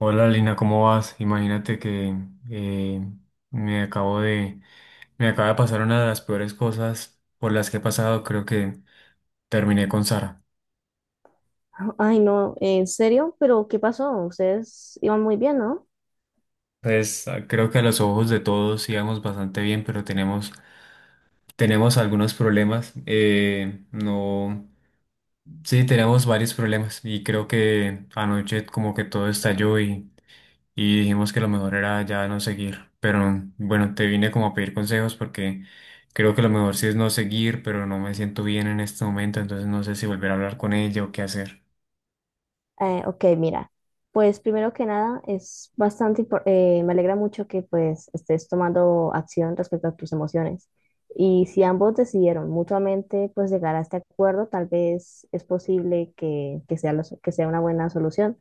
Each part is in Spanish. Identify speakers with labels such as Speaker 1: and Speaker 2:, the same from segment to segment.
Speaker 1: Hola Lina, ¿cómo vas? Imagínate que eh, me acabo de, me acaba de pasar una de las peores cosas por las que he pasado. Creo que terminé con Sara.
Speaker 2: Ay, no, ¿en serio? ¿Pero qué pasó? Ustedes iban muy bien, ¿no?
Speaker 1: Pues creo que a los ojos de todos íbamos bastante bien, pero tenemos algunos problemas. No, sí, tenemos varios problemas y creo que anoche como que todo estalló y dijimos que lo mejor era ya no seguir. Pero bueno, te vine como a pedir consejos porque creo que lo mejor sí es no seguir, pero no me siento bien en este momento, entonces no sé si volver a hablar con ella o qué hacer.
Speaker 2: Ok, mira, pues primero que nada es bastante, me alegra mucho que pues estés tomando acción respecto a tus emociones. Y si ambos decidieron mutuamente pues llegar a este acuerdo, tal vez es posible que sea, que sea una buena solución.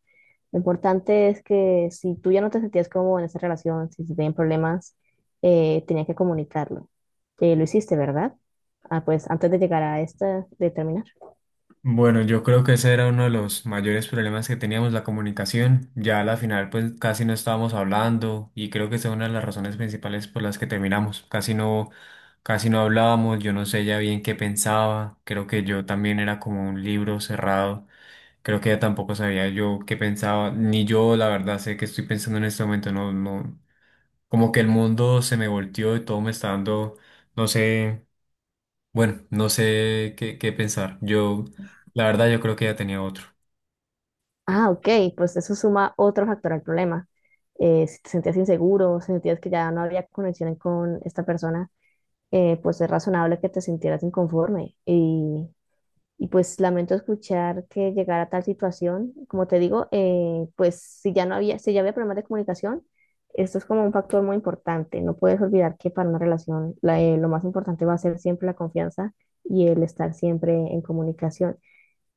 Speaker 2: Lo importante es que si tú ya no te sentías cómodo en esa relación, si se tenían problemas, tenías que comunicarlo. Lo hiciste, ¿verdad? Ah, pues antes de llegar a esta, de terminar.
Speaker 1: Bueno, yo creo que ese era uno de los mayores problemas que teníamos, la comunicación. Ya a la final pues casi no estábamos hablando y creo que esa es una de las razones principales por las que terminamos. Casi no hablábamos, yo no sé ya bien qué pensaba, creo que yo también era como un libro cerrado. Creo que ella tampoco sabía yo qué pensaba, ni yo la verdad sé qué estoy pensando en este momento, no, como que el mundo se me volteó y todo me está dando, no sé, bueno, no sé qué pensar. Yo, la verdad, yo creo que ya tenía otro.
Speaker 2: Ah, ok, pues eso suma otro factor al problema. Si te sentías inseguro, si sentías que ya no había conexión con esta persona, pues es razonable que te sintieras inconforme. Y pues lamento escuchar que llegara a tal situación. Como te digo, pues si ya no había, si ya había problemas de comunicación, esto es como un factor muy importante. No puedes olvidar que para una relación lo más importante va a ser siempre la confianza y el estar siempre en comunicación.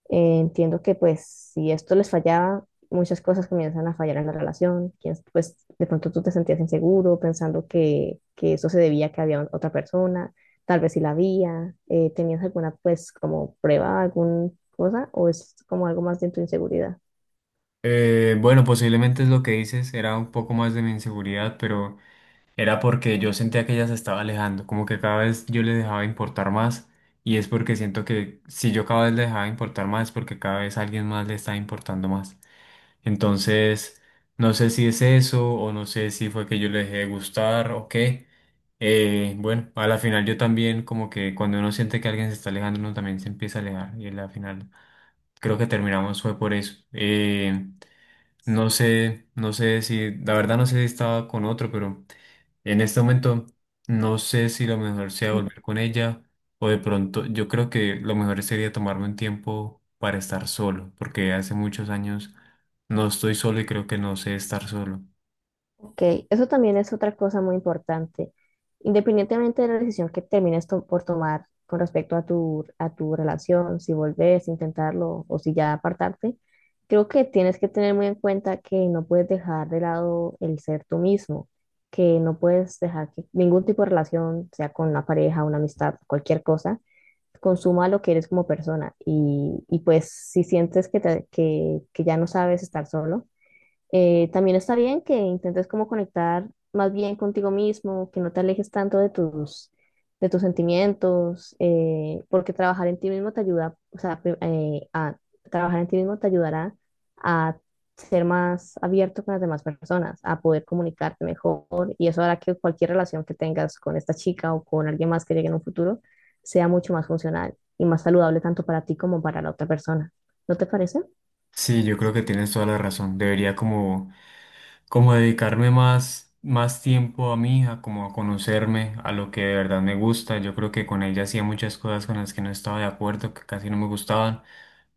Speaker 2: Entiendo que pues si esto les fallaba, muchas cosas comienzan a fallar en la relación, quién pues de pronto tú te sentías inseguro pensando que eso se debía a que había otra persona, tal vez si la había, ¿tenías alguna pues como prueba, alguna cosa o es como algo más de tu inseguridad?
Speaker 1: Bueno, posiblemente es lo que dices, era un poco más de mi inseguridad, pero era porque yo sentía que ella se estaba alejando, como que cada vez yo le dejaba importar más, y es porque siento que si yo cada vez le dejaba importar más, es porque cada vez alguien más le está importando más. Entonces, no sé si es eso o no sé si fue que yo le dejé de gustar o qué. Bueno, a la final yo también como que cuando uno siente que alguien se está alejando, uno también se empieza a alejar y a la final creo que terminamos fue por eso. No sé, la verdad no sé si estaba con otro, pero en este momento no sé si lo mejor sea volver con ella o de pronto yo creo que lo mejor sería tomarme un tiempo para estar solo, porque hace muchos años no estoy solo y creo que no sé estar solo.
Speaker 2: Ok, eso también es otra cosa muy importante. Independientemente de la decisión que por tomar con respecto a a tu relación, si volvés a intentarlo o si ya apartarte, creo que tienes que tener muy en cuenta que no puedes dejar de lado el ser tú mismo, que no puedes dejar que ningún tipo de relación, sea con una pareja, una amistad, cualquier cosa, consuma lo que eres como persona. Y pues si sientes que ya no sabes estar solo, también está bien que intentes como conectar más bien contigo mismo, que no te alejes tanto de de tus sentimientos, porque trabajar en ti mismo te ayuda, o sea, a trabajar en ti mismo te ayudará a ser más abierto con las demás personas, a poder comunicarte mejor y eso hará que cualquier relación que tengas con esta chica o con alguien más que llegue en un futuro sea mucho más funcional y más saludable tanto para ti como para la otra persona. ¿No te parece?
Speaker 1: Sí, yo creo que tienes toda la razón. Debería como dedicarme más tiempo a mi hija, como a conocerme, a lo que de verdad me gusta. Yo creo que con ella hacía muchas cosas con las que no estaba de acuerdo, que casi no me gustaban,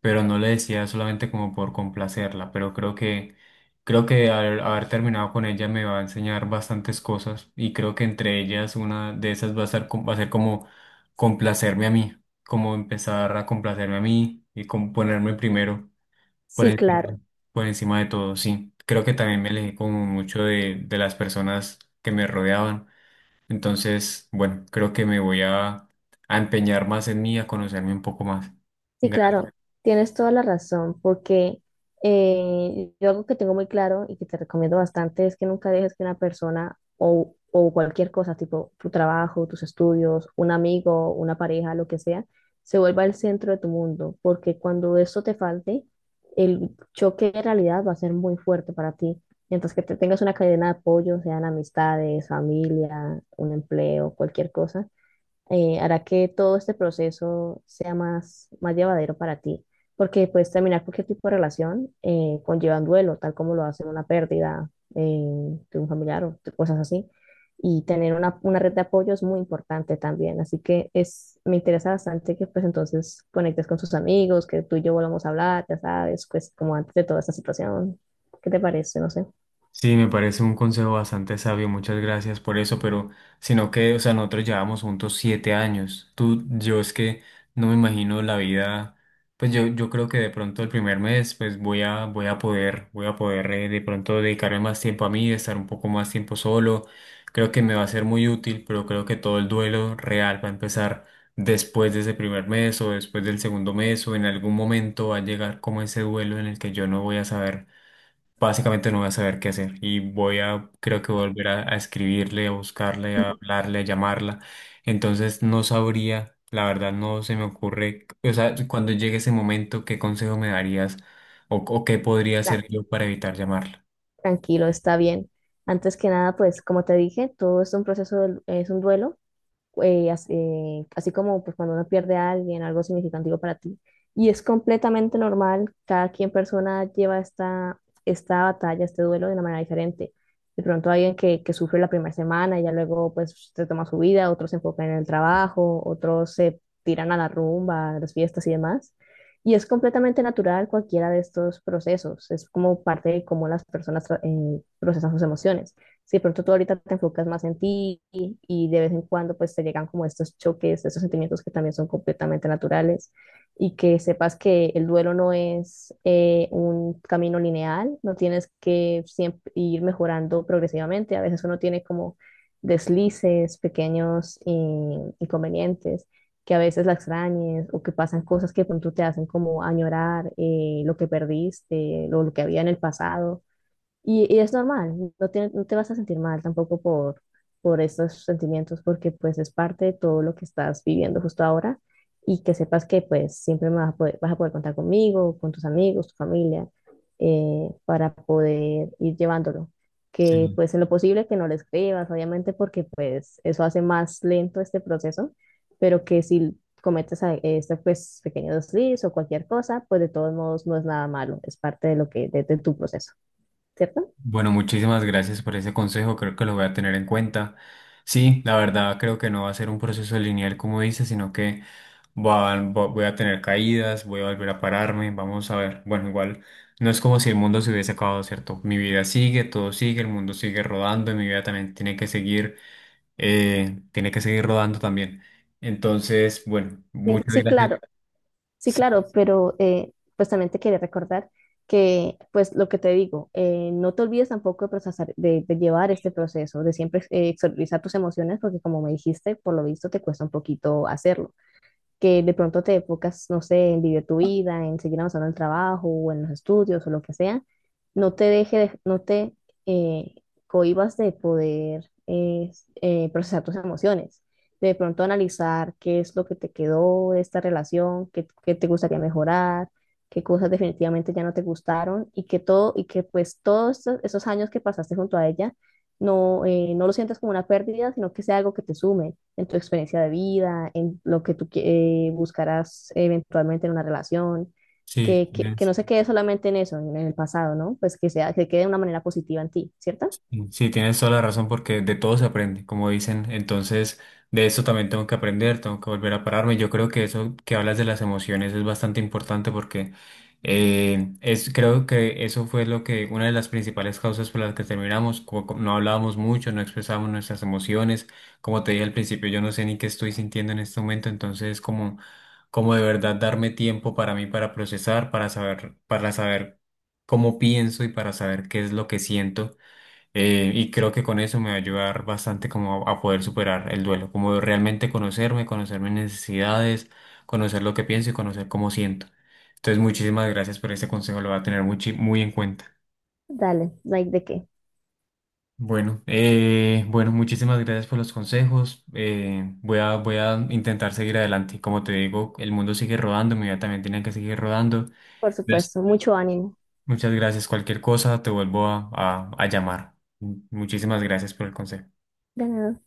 Speaker 1: pero no le decía solamente como por complacerla, pero creo que al haber terminado con ella me va a enseñar bastantes cosas y creo que entre ellas una de esas va a ser, va a ser como complacerme a mí, como empezar a complacerme a mí y como ponerme primero. Por
Speaker 2: Sí,
Speaker 1: encima,
Speaker 2: claro.
Speaker 1: por encima de todo, sí. Creo que también me alejé como mucho de las personas que me rodeaban. Entonces, bueno, creo que a empeñar más en mí, a conocerme un poco más.
Speaker 2: Sí, claro, tienes toda la razón, porque yo algo que tengo muy claro y que te recomiendo bastante es que nunca dejes que una persona o cualquier cosa, tipo tu trabajo, tus estudios, un amigo, una pareja, lo que sea, se vuelva el centro de tu mundo, porque cuando eso te falte, el choque de realidad va a ser muy fuerte para ti. Mientras que te tengas una cadena de apoyo, sean amistades, familia, un empleo, cualquier cosa hará que todo este proceso sea más, más llevadero para ti, porque puedes terminar cualquier tipo de relación conlleva un duelo, tal como lo hacen una pérdida de un familiar o de cosas así, y tener una red de apoyo es muy importante también, así que es, me interesa bastante que pues entonces conectes con tus amigos, que tú y yo volvamos a hablar, ya sabes, pues como antes de toda esta situación, ¿qué te parece? No sé.
Speaker 1: Sí, me parece un consejo bastante sabio, muchas gracias por eso, pero sino que, o sea, nosotros llevamos juntos 7 años. Tú, yo es que no me imagino la vida, pues yo creo que de pronto el primer mes, pues voy a poder de pronto dedicarme más tiempo a mí, estar un poco más tiempo solo. Creo que me va a ser muy útil, pero creo que todo el duelo real va a empezar después de ese primer mes o después del segundo mes o en algún momento va a llegar como ese duelo en el que yo no voy a saber, básicamente no voy a saber qué hacer y creo que volver a escribirle, a buscarle, a hablarle, a llamarla. Entonces no sabría, la verdad no se me ocurre, o sea, cuando llegue ese momento, ¿qué consejo me darías o qué podría
Speaker 2: Tra-
Speaker 1: hacer yo para evitar llamarla?
Speaker 2: Tranquilo, está bien. Antes que nada, pues como te dije, todo es un proceso, es un duelo así como pues, cuando uno pierde a alguien, algo significativo para ti. Y es completamente normal, cada quien persona lleva esta batalla, este duelo de una manera diferente. De pronto hay alguien que sufre la primera semana y ya luego pues se toma su vida, otros se enfocan en el trabajo, otros se tiran a la rumba, a las fiestas y demás. Y es completamente natural cualquiera de estos procesos, es como parte de cómo las personas procesan sus emociones si de pronto tú ahorita te enfocas más en ti y de vez en cuando pues te llegan como estos choques, estos sentimientos que también son completamente naturales y que sepas que el duelo no es un camino lineal, no tienes que siempre ir mejorando progresivamente, a veces uno tiene como deslices, pequeños inconvenientes que a veces la extrañes o que pasan cosas que de pronto te hacen como añorar lo que perdiste, lo que había en el pasado y es normal, no te vas a sentir mal tampoco por, por estos sentimientos, porque pues es parte de todo lo que estás viviendo justo ahora y que sepas que pues siempre me vas a poder contar conmigo, con tus amigos, tu familia, para poder ir llevándolo. Que
Speaker 1: Sí.
Speaker 2: pues en lo posible que no lo escribas, obviamente, porque pues eso hace más lento este proceso, pero que si cometes este pues pequeño desliz o cualquier cosa, pues de todos modos no es nada malo, es parte de lo que, de tu proceso, ¿cierto?
Speaker 1: Bueno, muchísimas gracias por ese consejo, creo que lo voy a tener en cuenta. Sí, la verdad creo que no va a ser un proceso lineal como dices, sino que voy a tener caídas, voy a volver a pararme, vamos a ver. Bueno, igual no es como si el mundo se hubiese acabado, ¿cierto? Mi vida sigue, todo sigue, el mundo sigue rodando y mi vida también tiene que seguir rodando también. Entonces, bueno,
Speaker 2: Sí,
Speaker 1: muchas
Speaker 2: sí,
Speaker 1: gracias.
Speaker 2: claro, sí,
Speaker 1: Sí,
Speaker 2: claro, pero pues también te quería recordar que, pues lo que te digo, no te olvides tampoco de procesar, de llevar este proceso, de siempre exteriorizar tus emociones, porque como me dijiste, por lo visto te cuesta un poquito hacerlo que de pronto te enfocas, no sé, en vivir tu vida, en seguir avanzando en el trabajo o en los estudios o lo que sea, no te eh, cohibas de poder procesar tus emociones, de pronto analizar qué es lo que te quedó de esta relación, qué te gustaría mejorar, qué cosas definitivamente ya no te gustaron y que pues esos años que pasaste junto a ella no, no lo sientas como una pérdida, sino que sea algo que te sume en tu experiencia de vida, en lo que buscarás eventualmente en una relación,
Speaker 1: sí,
Speaker 2: que
Speaker 1: tienes...
Speaker 2: no se quede solamente en eso, en el pasado, ¿no? Pues que sea, que quede de una manera positiva en ti, ¿cierto?
Speaker 1: Sí, sí, tienes toda la razón porque de todo se aprende, como dicen. Entonces, de eso también tengo que aprender, tengo que volver a pararme. Yo creo que eso que hablas de las emociones es bastante importante porque creo que eso fue lo que, una de las principales causas por las que terminamos, no hablábamos mucho, no expresábamos nuestras emociones. Como te dije al principio, yo no sé ni qué estoy sintiendo en este momento, como de verdad darme tiempo para mí, para procesar, para saber cómo pienso y para saber qué es lo que siento, y creo que con eso me va a ayudar bastante como a poder superar el duelo, como realmente conocerme, conocer mis necesidades, conocer lo que pienso y conocer cómo siento. Entonces, muchísimas gracias por este consejo, lo voy a tener muy en cuenta.
Speaker 2: Dale, no hay de qué.
Speaker 1: Bueno, bueno, muchísimas gracias por los consejos. Voy a intentar seguir adelante. Como te digo, el mundo sigue rodando, mi vida también tiene que seguir rodando.
Speaker 2: Por
Speaker 1: Entonces,
Speaker 2: supuesto, mucho ánimo.
Speaker 1: muchas gracias. Cualquier cosa, te vuelvo a llamar. Muchísimas gracias por el consejo.
Speaker 2: De nada.